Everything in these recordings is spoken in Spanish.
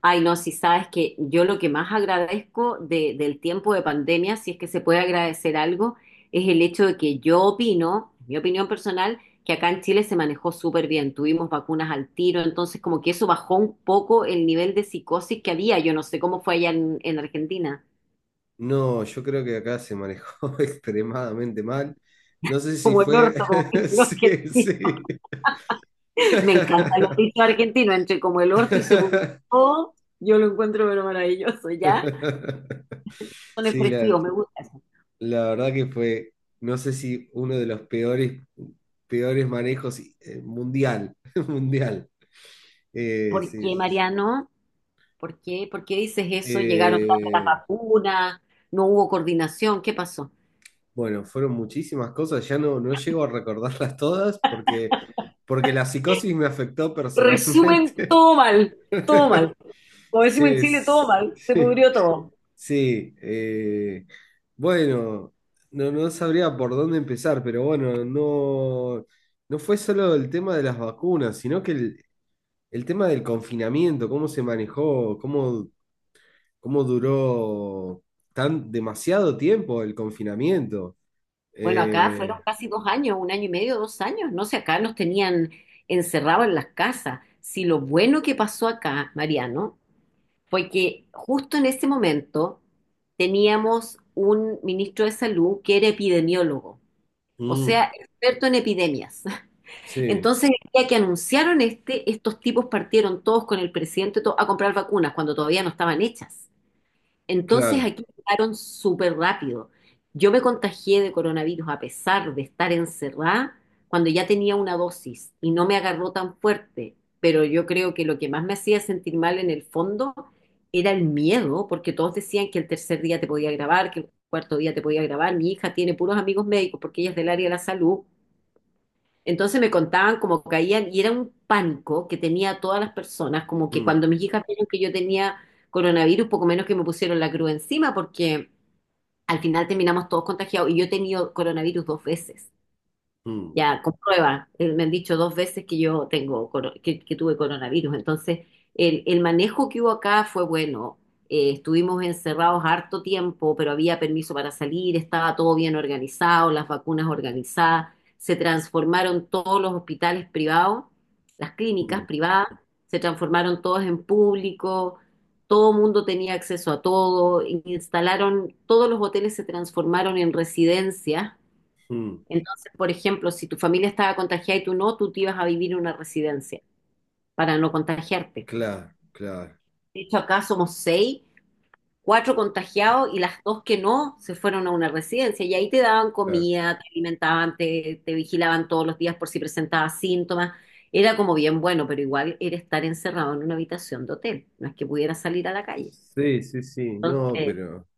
Ay, no, si sabes que yo lo que más agradezco del tiempo de pandemia, si es que se puede agradecer algo, es el hecho de que yo opino, mi opinión personal, que acá en Chile se manejó súper bien, tuvimos vacunas al tiro, entonces como que eso bajó un poco el nivel de psicosis que había, yo no sé cómo fue allá en Argentina. No, yo creo que acá se manejó extremadamente mal. No sé si Como el fue... orto, como dicen los Sí, argentinos. sí. Me encantan los dichos argentinos, entre como el orto y se publicó, yo lo encuentro pero maravilloso, ¿ya? Son Sí, expresivos, me gusta eso. la verdad que no sé si uno de los peores, peores manejos mundial, mundial. Eh, ¿Por sí, qué, sí, sí. Mariano? ¿Por qué? ¿Por qué dices eso? ¿Llegaron tarde las Eh, vacunas? ¿No hubo coordinación? ¿Qué pasó? bueno, fueron muchísimas cosas, no llego a recordarlas todas, porque la psicosis me afectó Resumen, personalmente. todo mal, todo mal. Como decimos en Sí, Chile, todo mal, se sí, pudrió todo. sí, bueno, no sabría por dónde empezar, pero bueno, no, no fue solo el tema de las vacunas, sino que el tema del confinamiento, cómo se manejó, cómo duró tan demasiado tiempo el confinamiento. Bueno, acá fueron Eh, casi 2 años, un año y medio, 2 años, no sé, acá nos tenían encerrados en las casas. Si lo bueno que pasó acá, Mariano, fue que justo en ese momento teníamos un ministro de salud que era epidemiólogo, o mm, sea, experto en epidemias. sí, Entonces, el día que anunciaron este, estos tipos partieron todos con el presidente a comprar vacunas cuando todavía no estaban hechas. Entonces, claro. aquí llegaron súper rápido. Yo me contagié de coronavirus a pesar de estar encerrada cuando ya tenía una dosis y no me agarró tan fuerte. Pero yo creo que lo que más me hacía sentir mal en el fondo era el miedo, porque todos decían que el tercer día te podía grabar, que el cuarto día te podía grabar. Mi hija tiene puros amigos médicos porque ella es del área de la salud, entonces me contaban cómo caían y era un pánico que tenía a todas las personas, como que mm, cuando mis hijas vieron que yo tenía coronavirus, poco menos que me pusieron la cruz encima porque al final terminamos todos contagiados y yo he tenido coronavirus 2 veces. mm, Ya, comprueba. Me han dicho 2 veces que yo que tuve coronavirus. Entonces, el manejo que hubo acá fue bueno. Estuvimos encerrados harto tiempo, pero había permiso para salir, estaba todo bien organizado, las vacunas organizadas. Se transformaron todos los hospitales privados, las clínicas mm, privadas, se transformaron todas en público. Todo mundo tenía acceso a todo. Instalaron, todos los hoteles se transformaron en residencias, mm, entonces, por ejemplo, si tu familia estaba contagiada y tú no, tú te ibas a vivir en una residencia para no contagiarte. claro, claro, De hecho, acá somos seis, cuatro contagiados y las dos que no se fueron a una residencia y ahí te daban claro. comida, te alimentaban, te vigilaban todos los días por si presentabas síntomas. Era como bien bueno, pero igual era estar encerrado en una habitación de hotel, no es que pudiera salir a la calle. Sí, sí, sí, no, Entonces,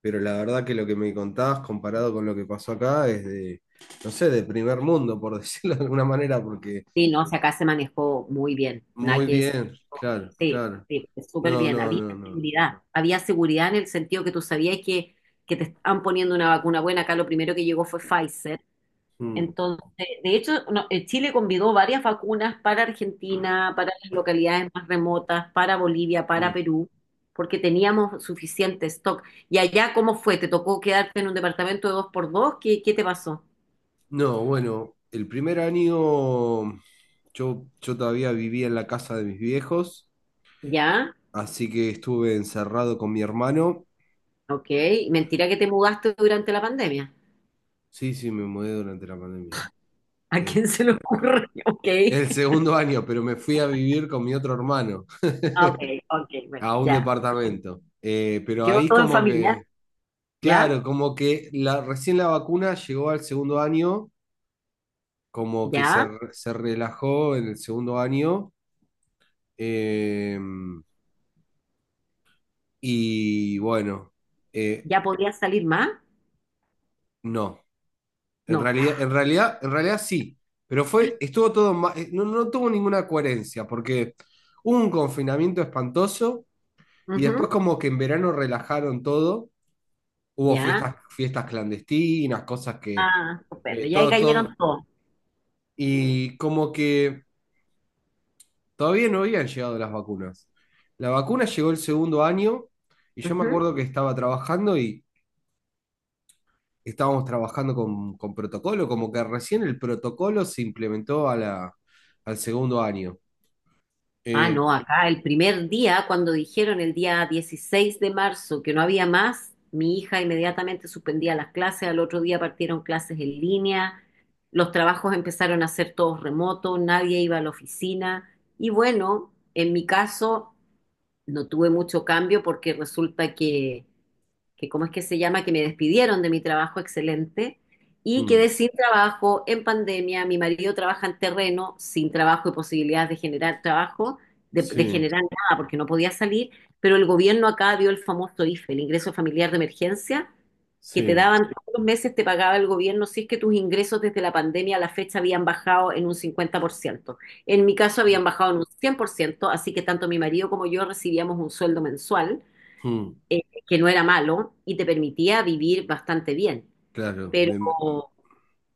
pero la verdad que lo que me contabas comparado con lo que pasó acá es de, no sé, de primer mundo, por decirlo de alguna manera, porque sí, no, o sea, acá se manejó muy bien. Nada muy que es- bien, claro, Sí, claro. sí, súper No, bien. no, Había no, no. seguridad. Había seguridad en el sentido que tú sabías que te están poniendo una vacuna buena. Acá lo primero que llegó fue Pfizer. Mm, Entonces, de hecho, no, Chile convidó varias vacunas para Argentina, para las localidades más remotas, para Bolivia, para mm. Perú, porque teníamos suficiente stock. ¿Y allá cómo fue? ¿Te tocó quedarte en un departamento de dos por dos? ¿Qué, qué te pasó? No, bueno, el primer año yo todavía vivía en la casa de mis viejos, ¿Ya? así que estuve encerrado con mi hermano. Ok. Mentira que te mudaste durante la pandemia. Sí, sí, me mudé durante la pandemia. ¿A Eh, quién se le ocurre? Ok. el segundo año, pero me fui a vivir con mi otro hermano, Ah, ok, ok, bueno, a un ya. departamento. Quedó todo en familia. Claro, ¿Ya? como que recién la vacuna llegó al segundo año, como que ¿Ya? re- se relajó en el segundo año. eh, y bueno. eh, ¿Ya podía salir más? no. En No. realidad, en realidad, en realidad sí. Pero estuvo todo ma- no, no tuvo ninguna coherencia, porque hubo un confinamiento espantoso y después Ujú. como que en verano relajaron todo. Hubo ¿Ya? fiestas, fiestas clandestinas, cosas que... Ah, estupendo. Ya ahí todo, cayeron todo. todos. Y como que todavía no habían llegado las vacunas. La vacuna llegó el segundo año y yo me Ujú. acuerdo que estaba trabajando y estábamos trabajando con protocolo, como que recién el protocolo se implementó a al segundo año. Ah, no, Eh, acá el primer día, cuando dijeron el día 16 de marzo que no había más, mi hija inmediatamente suspendía las clases, al otro día partieron clases en línea, los trabajos empezaron a ser todos remotos, nadie iba a la oficina y bueno, en mi caso no tuve mucho cambio porque resulta ¿cómo es que se llama? Que me despidieron de mi trabajo excelente y mm, quedé sin trabajo en pandemia. Mi marido trabaja en terreno, sin trabajo y posibilidades de generar trabajo, de sí, generar nada porque no podía salir, pero el gobierno acá dio el famoso IFE, el ingreso familiar de emergencia, que te sí, daban todos los meses, te pagaba el gobierno si es que tus ingresos desde la pandemia a la fecha habían bajado en un 50%. En mi caso sí. habían bajado en un 100%, así que tanto mi marido como yo recibíamos un sueldo mensual, Mm, que no era malo y te permitía vivir bastante bien, claro, pero me- me-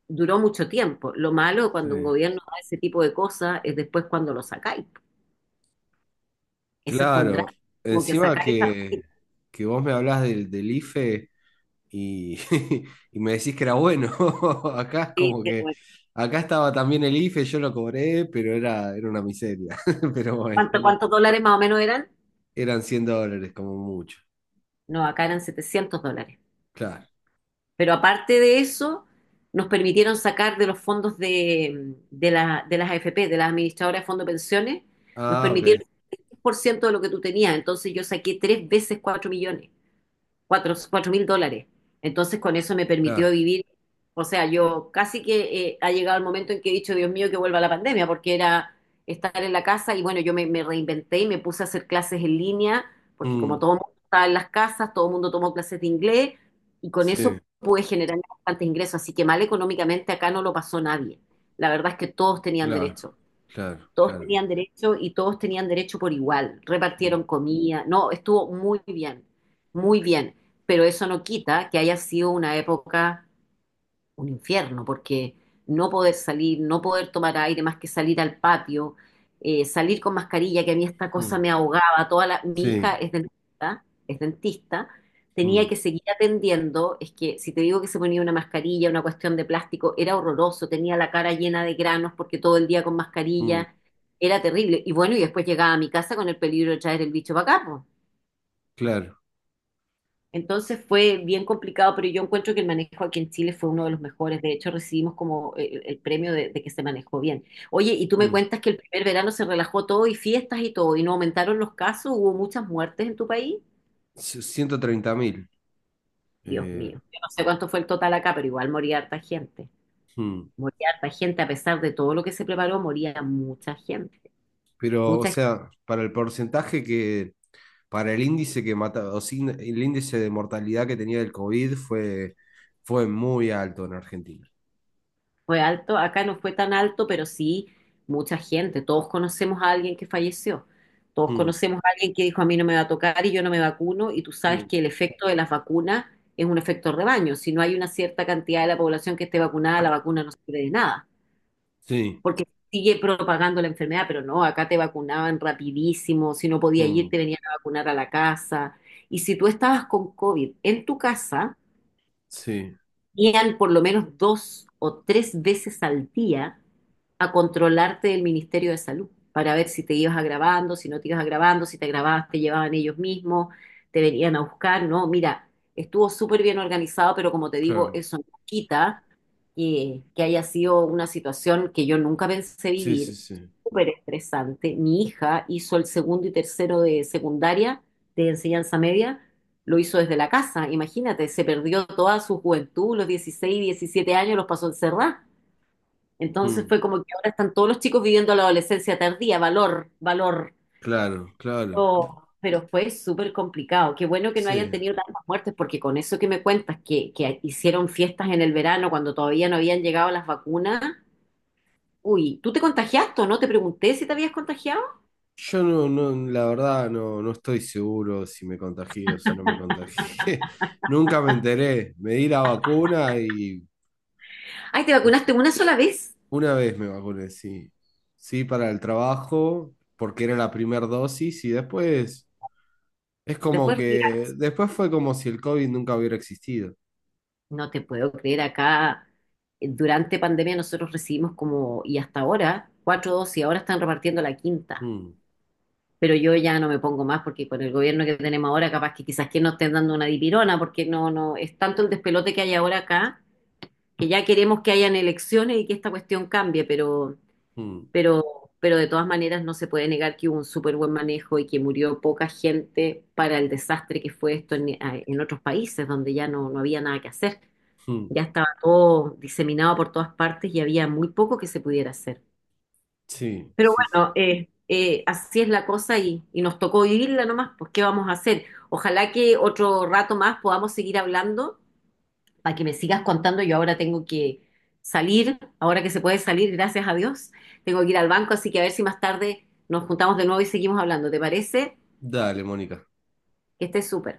duró mucho tiempo. Lo malo cuando un sí. gobierno da ese tipo de cosas es después cuando lo sacáis. Ese fue un Claro. drama, como que Encima sacar esa. Que vos me hablás del IFE. Y y me decís que era bueno. Acá es como que, acá estaba también el IFE, yo lo cobré, pero era una miseria. Pero bueno, no, ¿Cuántos dólares más o menos eran? eran $100 como mucho. No, acá eran 700 dólares. Claro. Pero aparte de eso, nos permitieron sacar de los fondos de las AFP, de las administradoras de fondos de pensiones, nos Ah, permitieron ok, el 10% de lo que tú tenías. Entonces yo saqué 3 veces 4 millones, cuatro mil dólares. Entonces con eso me permitió claro. vivir, o sea, yo casi que ha llegado el momento en que he dicho, Dios mío, que vuelva la pandemia, porque era estar en la casa y bueno, yo me reinventé y me puse a hacer clases en línea, porque como Mm, todo el mundo estaba en las casas, todo el mundo tomó clases de inglés y con sí, eso pude generar bastantes ingresos, así que mal económicamente acá no lo pasó nadie. La verdad es que todos tenían claro, derecho. claro, Todos claro. tenían derecho y todos tenían derecho por igual. Mm, Repartieron comida. No, estuvo muy bien, muy bien. Pero eso no quita que haya sido una época un infierno, porque no poder salir, no poder tomar aire más que salir al patio, salir con mascarilla, que a mí esta cosa mm, me ahogaba, mi sí, hija es dentista, tenía mm, que seguir atendiendo, es que si te digo que se ponía una mascarilla, una cuestión de plástico, era horroroso, tenía la cara llena de granos porque todo el día con mm, mascarilla, era terrible, y bueno, y después llegaba a mi casa con el peligro de traer el bicho para acá, claro. entonces fue bien complicado, pero yo encuentro que el manejo aquí en Chile fue uno de los mejores. De hecho, recibimos como el premio de que se manejó bien. Oye, y tú me mm. cuentas que el primer verano se relajó todo y fiestas y todo, y no aumentaron los casos, hubo muchas muertes en tu país. C- 130.000. Dios eh, mío, yo no sé cuánto fue el total acá, pero igual moría harta gente. mm. Moría harta gente, a pesar de todo lo que se preparó, moría mucha gente. Pero, o Mucha sea, para el porcentaje que, para el índice que mata, o sin- el índice de mortalidad que tenía el COVID fue muy alto en Argentina. Fue alto, acá no fue tan alto, pero sí mucha gente. Todos conocemos a alguien que falleció. Todos Mm, conocemos a alguien que dijo a mí no me va a tocar y yo no me vacuno. Y tú sabes mm, que el efecto de las vacunas es un efecto rebaño. Si no hay una cierta cantidad de la población que esté vacunada, la vacuna no sirve de nada, sí, porque sigue propagando la enfermedad. Pero no, acá te vacunaban rapidísimo. Si no podía ir, mm, te venían a vacunar a la casa. Y si tú estabas con COVID en tu casa, sí, iban por lo menos 2 o 3 veces al día a controlarte del Ministerio de Salud para ver si te ibas agravando, si no te ibas agravando, si te agravabas te llevaban ellos mismos, te venían a buscar, ¿no? Mira, estuvo súper bien organizado, pero como te digo, claro. eso no quita que haya sido una situación que yo nunca pensé Sí, sí, vivir, sí. súper estresante. Mi hija hizo el segundo y tercero de secundaria, de enseñanza media, lo hizo desde la casa. Imagínate, se perdió toda su juventud, los 16, 17 años los pasó encerrada. Entonces Mm, fue como que ahora están todos los chicos viviendo la adolescencia tardía, valor, valor. claro, claro. Oh, pero fue súper complicado. Qué bueno que no hayan Sí. tenido tantas muertes, porque con eso que me cuentas, que hicieron fiestas en el verano cuando todavía no habían llegado las vacunas. Uy, ¿tú te contagiaste o no? Te pregunté si te habías contagiado. Yo no, no, la verdad no, no estoy seguro si me contagié o si no me contagié. Nunca me enteré. Me di la vacuna y Ay, te pues, vacunaste una sola vez. una vez me vacuné, sí. Sí, para el trabajo, porque era la primera dosis y después... Es como Después que después fue como si el COVID nunca hubiera existido. No te puedo creer acá. Durante pandemia nosotros recibimos como, y hasta ahora, 4 dosis, ahora están repartiendo la quinta. Mm, Pero yo ya no me pongo más porque con el gobierno que tenemos ahora, capaz que quizás que nos estén dando una dipirona, porque no, no, es tanto el despelote que hay ahora acá, que ya queremos que hayan elecciones y que esta cuestión cambie, mm, pero, pero de todas maneras no se puede negar que hubo un súper buen manejo y que murió poca gente para el desastre que fue esto en otros países donde ya no, no había nada que hacer. mm. Ya estaba todo diseminado por todas partes y había muy poco que se pudiera hacer. Sí, Pero sí, sí. bueno, así es la cosa y nos tocó vivirla nomás, pues ¿qué vamos a hacer? Ojalá que otro rato más podamos seguir hablando para que me sigas contando. Yo ahora tengo que salir, ahora que se puede salir, gracias a Dios, tengo que ir al banco, así que a ver si más tarde nos juntamos de nuevo y seguimos hablando. ¿Te parece? Dale, Mónica. Que estés súper.